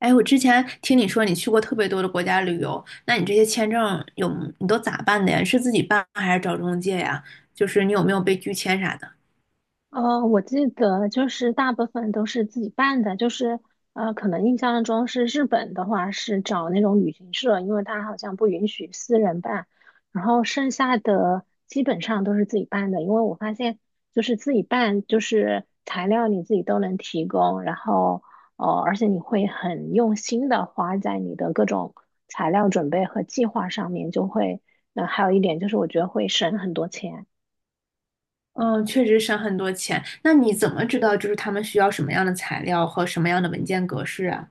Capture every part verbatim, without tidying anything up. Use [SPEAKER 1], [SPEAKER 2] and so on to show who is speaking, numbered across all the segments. [SPEAKER 1] 哎，我之前听你说你去过特别多的国家旅游，那你这些签证有，你都咋办的呀？是自己办还是找中介呀？就是你有没有被拒签啥的？
[SPEAKER 2] 呃，我记得就是大部分都是自己办的，就是呃，可能印象中是日本的话是找那种旅行社，因为它好像不允许私人办，然后剩下的基本上都是自己办的，因为我发现就是自己办，就是材料你自己都能提供，然后呃，而且你会很用心的花在你的各种材料准备和计划上面，就会，那、还有一点就是我觉得会省很多钱。
[SPEAKER 1] 嗯，确实省很多钱。那你怎么知道就是他们需要什么样的材料和什么样的文件格式啊？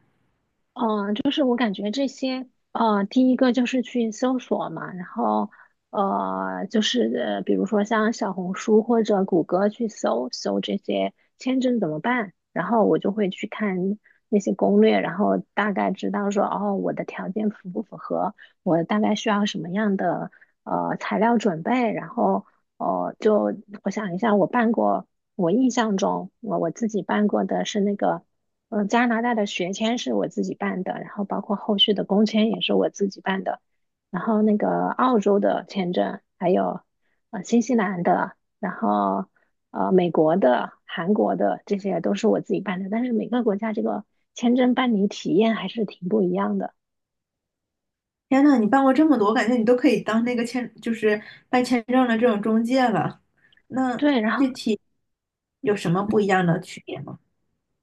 [SPEAKER 2] 嗯，呃就是我感觉这些，呃，第一个就是去搜索嘛，然后，呃，就是呃比如说像小红书或者谷歌去搜搜这些签证怎么办，然后我就会去看那些攻略，然后大概知道说，哦，我的条件符不符合，我大概需要什么样的呃材料准备，然后，哦，就我想一下，我办过，我印象中我我自己办过的是那个。嗯呃，加拿大的学签是我自己办的，然后包括后续的工签也是我自己办的，然后那个澳洲的签证，还有呃新西兰的，然后呃美国的、韩国的，这些都是我自己办的。但是每个国家这个签证办理体验还是挺不一样的。
[SPEAKER 1] 天呐，你办过这么多，我感觉你都可以当那个签，就是办签证的这种中介了。那
[SPEAKER 2] 对，然后
[SPEAKER 1] 具体有什么不一样的区别吗？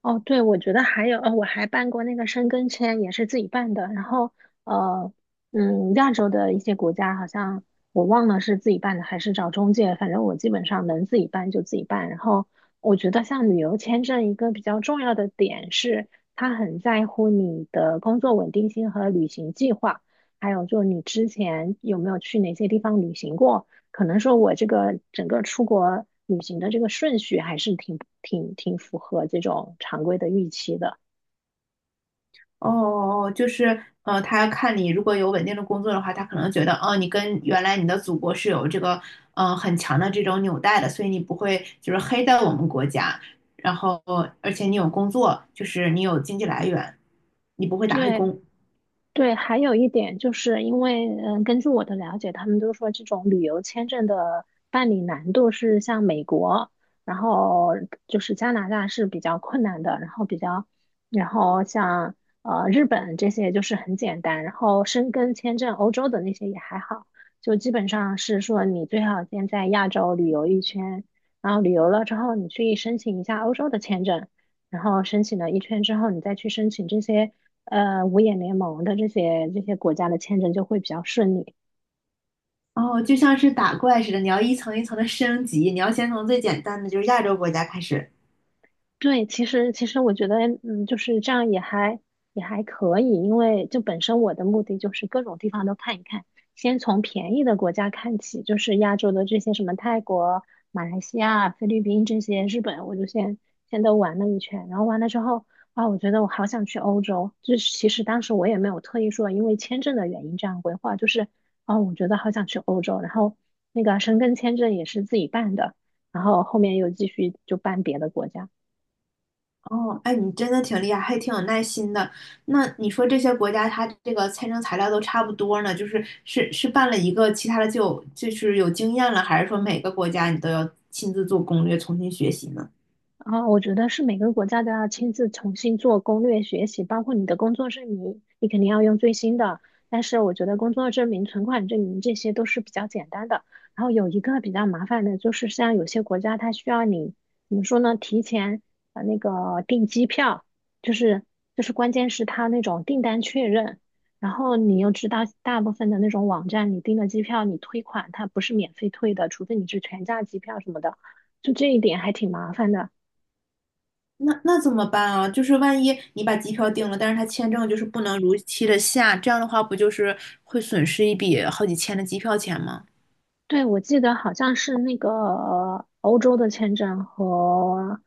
[SPEAKER 2] 哦，对，我觉得还有，呃，我还办过那个申根签，也是自己办的。然后，呃，嗯，亚洲的一些国家好像我忘了是自己办的还是找中介，反正我基本上能自己办就自己办。然后，我觉得像旅游签证一个比较重要的点是，它很在乎你的工作稳定性和旅行计划，还有就你之前有没有去哪些地方旅行过。可能说我这个整个出国旅行的这个顺序还是挺挺挺符合这种常规的预期的。
[SPEAKER 1] 哦哦，哦就是呃，他看你如果有稳定的工作的话，他可能觉得，哦，你跟原来你的祖国是有这个呃很强的这种纽带的，所以你不会就是黑到我们国家，然后而且你有工作，就是你有经济来源，你不会打黑
[SPEAKER 2] 对，
[SPEAKER 1] 工。
[SPEAKER 2] 对，还有一点就是因为，嗯，根据我的了解，他们都说这种旅游签证的办理难度是像美国，然后就是加拿大是比较困难的，然后比较，然后像呃日本这些就是很简单，然后申根签证欧洲的那些也还好，就基本上是说你最好先在亚洲旅游一圈，然后旅游了之后你去申请一下欧洲的签证。然后申请了一圈之后，你再去申请这些呃五眼联盟的这些这些国家的签证就会比较顺利。
[SPEAKER 1] 哦，就像是打怪似的，你要一层一层的升级，你要先从最简单的就是亚洲国家开始。
[SPEAKER 2] 对，其实其实我觉得，嗯，就是这样也还也还可以，因为就本身我的目的就是各种地方都看一看，先从便宜的国家看起，就是亚洲的这些什么泰国、马来西亚、菲律宾这些，日本，我就先先都玩了一圈，然后完了之后，啊，我觉得我好想去欧洲，就是其实当时我也没有特意说因为签证的原因这样规划，就是啊，我觉得好想去欧洲，然后那个申根签证也是自己办的，然后后面又继续就办别的国家。
[SPEAKER 1] 哦，哎，你真的挺厉害，还挺有耐心的。那你说这些国家，它这个签证材料都差不多呢，就是是是办了一个，其他的就有就是有经验了，还是说每个国家你都要亲自做攻略，重新学习呢？
[SPEAKER 2] 啊，我觉得是每个国家都要亲自重新做攻略学习，包括你的工作证明，你肯定要用最新的。但是我觉得工作证明、存款证明这些都是比较简单的。然后有一个比较麻烦的，就是像有些国家它需要你怎么说呢？提前呃那个订机票，就是就是关键是它那种订单确认。然后你又知道大部分的那种网站，你订的机票你退款它不是免费退的，除非你是全价机票什么的。就这一点还挺麻烦的。
[SPEAKER 1] 那那怎么办啊？就是万一你把机票订了，但是他签证就是不能如期的下，这样的话不就是会损失一笔好几千的机票钱吗？
[SPEAKER 2] 对，我记得好像是那个呃欧洲的签证和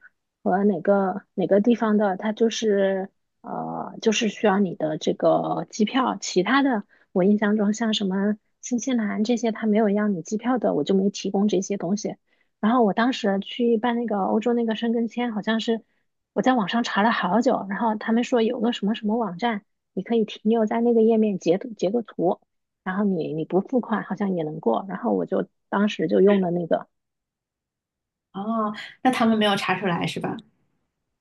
[SPEAKER 2] 和哪个哪个地方的，它就是呃，就是需要你的这个机票。其他的，我印象中像什么新西兰这些，它没有要你机票的，我就没提供这些东西。然后我当时去办那个欧洲那个申根签，好像是我在网上查了好久，然后他们说有个什么什么网站，你可以停留在那个页面截图截个图。然后你你不付款好像也能过，然后我就当时就用了那个，
[SPEAKER 1] 哦，那他们没有查出来是吧？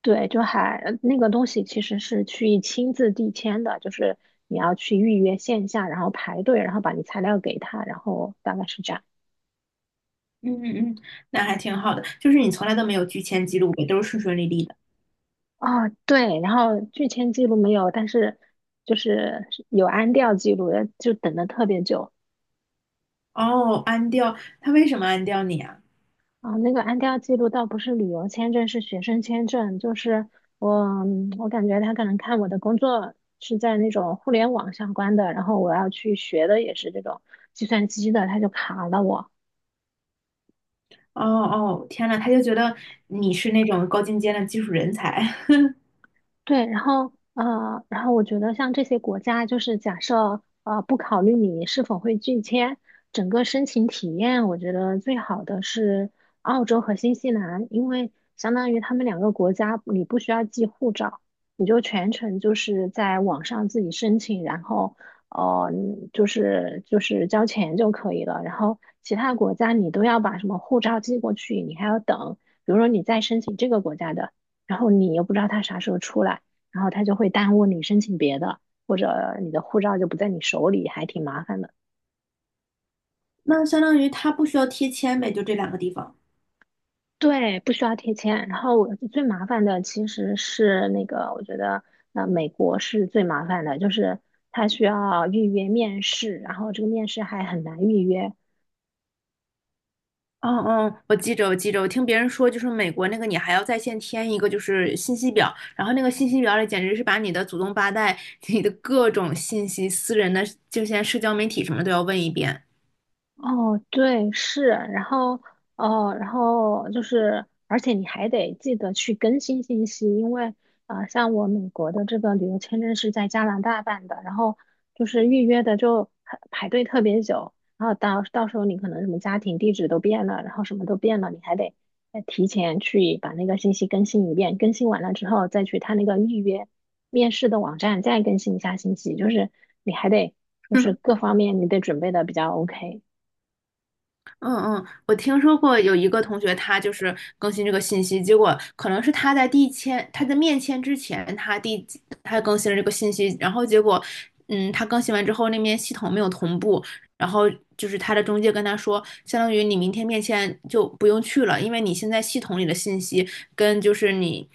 [SPEAKER 2] 对，就还呃那个东西其实是去亲自递签的，就是你要去预约线下，然后排队，然后把你材料给他，然后大概是这样。
[SPEAKER 1] 嗯嗯，嗯，那还挺好的，就是你从来都没有拒签记录呗，都是顺顺利利的。
[SPEAKER 2] 哦，对，然后拒签记录没有，但是就是有安调记录，呃就等的特别久。
[SPEAKER 1] 哦，安掉，他为什么安掉你啊？
[SPEAKER 2] 啊，那个安调记录倒不是旅游签证，是学生签证。就是我，我感觉他可能看我的工作是在那种互联网相关的，然后我要去学的也是这种计算机的，他就卡了我。
[SPEAKER 1] 哦哦，天呐，他就觉得你是那种高精尖的技术人才。
[SPEAKER 2] 对，然后呃，然后我觉得像这些国家，就是假设呃不考虑你是否会拒签，整个申请体验，我觉得最好的是澳洲和新西兰，因为相当于他们两个国家，你不需要寄护照，你就全程就是在网上自己申请，然后呃嗯就是就是交钱就可以了。然后其他国家你都要把什么护照寄过去，你还要等，比如说你再申请这个国家的。然后你又不知道他啥时候出来，然后他就会耽误你申请别的，或者你的护照就不在你手里，还挺麻烦的。
[SPEAKER 1] 那相当于他不需要贴签呗，就这两个地方。
[SPEAKER 2] 对，不需要贴签。然后最麻烦的其实是那个，我觉得呃，美国是最麻烦的，就是他需要预约面试，然后这个面试还很难预约。
[SPEAKER 1] 哦哦，我记着，我记着，我听别人说，就是美国那个你还要在线填一个就是信息表，然后那个信息表里简直是把你的祖宗八代、你的各种信息、私人的就现在社交媒体什么都要问一遍。
[SPEAKER 2] 哦，对，是，然后哦，然后就是，而且你还得记得去更新信息，因为啊、呃像我美国的这个旅游签证是在加拿大办的，然后就是预约的就很排队特别久，然后到到时候你可能什么家庭地址都变了，然后什么都变了，你还得再提前去把那个信息更新一遍，更新完了之后再去他那个预约面试的网站再更新一下信息，就是你还得就是 各方面你得准备的比较 OK。
[SPEAKER 1] 嗯嗯，我听说过有一个同学，他就是更新这个信息，结果可能是他在递签，他在面签之前，他递他更新了这个信息，然后结果，嗯，他更新完之后，那边系统没有同步，然后就是他的中介跟他说，相当于你明天面签就不用去了，因为你现在系统里的信息跟就是你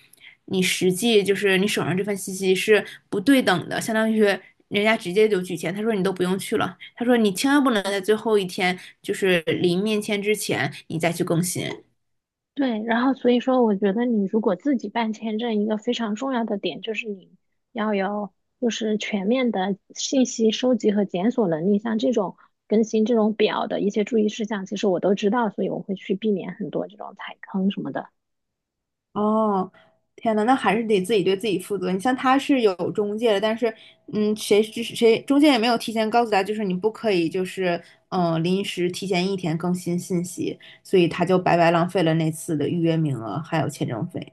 [SPEAKER 1] 你实际就是你手上这份信息是不对等的，相当于人家直接就拒签。他说你都不用去了，他说你千万不能在最后一天就是临面签之前你再去更新。
[SPEAKER 2] 对，然后所以说，我觉得你如果自己办签证，一个非常重要的点就是你要有就是全面的信息收集和检索能力，像这种更新这种表的一些注意事项，其实我都知道，所以我会去避免很多这种踩坑什么的。
[SPEAKER 1] 哦，天呐，那还是得自己对自己负责。你像他是有中介的，但是，嗯，谁知谁中介也没有提前告诉他，就是你不可以，就是嗯、呃临时提前一天更新信息，所以他就白白浪费了那次的预约名额还有签证费。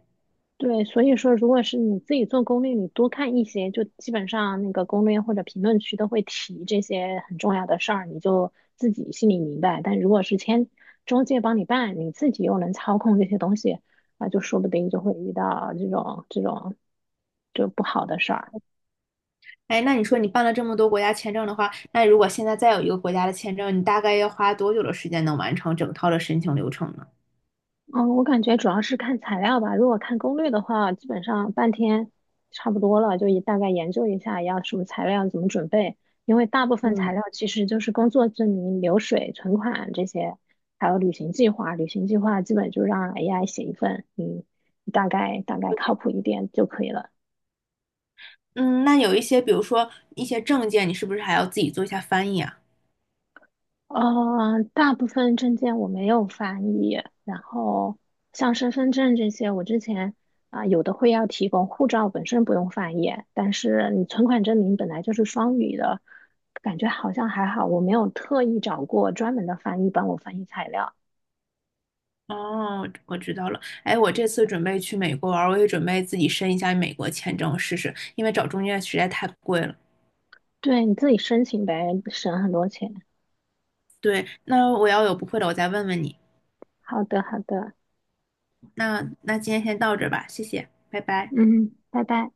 [SPEAKER 2] 对，所以说，如果是你自己做攻略，你多看一些，就基本上那个攻略或者评论区都会提这些很重要的事儿，你就自己心里明白。但如果是签中介帮你办，你自己又能操控这些东西，啊，就说不定就会遇到这种这种就不好的事儿。
[SPEAKER 1] 哎，那你说你办了这么多国家签证的话，那如果现在再有一个国家的签证，你大概要花多久的时间能完成整套的申请流程呢？
[SPEAKER 2] 嗯，我感觉主要是看材料吧。如果看攻略的话，基本上半天差不多了，就也大概研究一下要什么材料，怎么准备。因为大部分
[SPEAKER 1] 嗯
[SPEAKER 2] 材料其实就是工作证明、流水、存款这些，还有旅行计划。旅行计划基本就让 A I 写一份，你大概大概靠谱一点就可以了。
[SPEAKER 1] 嗯，那有一些，比如说一些证件，你是不是还要自己做一下翻译啊？
[SPEAKER 2] 呃，大部分证件我没有翻译，然后像身份证这些，我之前啊、有的会要提供，护照本身不用翻译，但是你存款证明本来就是双语的，感觉好像还好，我没有特意找过专门的翻译帮我翻译材料，
[SPEAKER 1] 哦，我知道了。哎，我这次准备去美国玩儿，我也准备自己申一下美国签证试试，因为找中介实在太贵了。
[SPEAKER 2] 对，你自己申请呗，省很多钱。
[SPEAKER 1] 对，那我要有不会的，我再问问你。
[SPEAKER 2] 好的，好的，
[SPEAKER 1] 那那今天先到这儿吧，谢谢，拜拜。
[SPEAKER 2] 嗯，拜拜。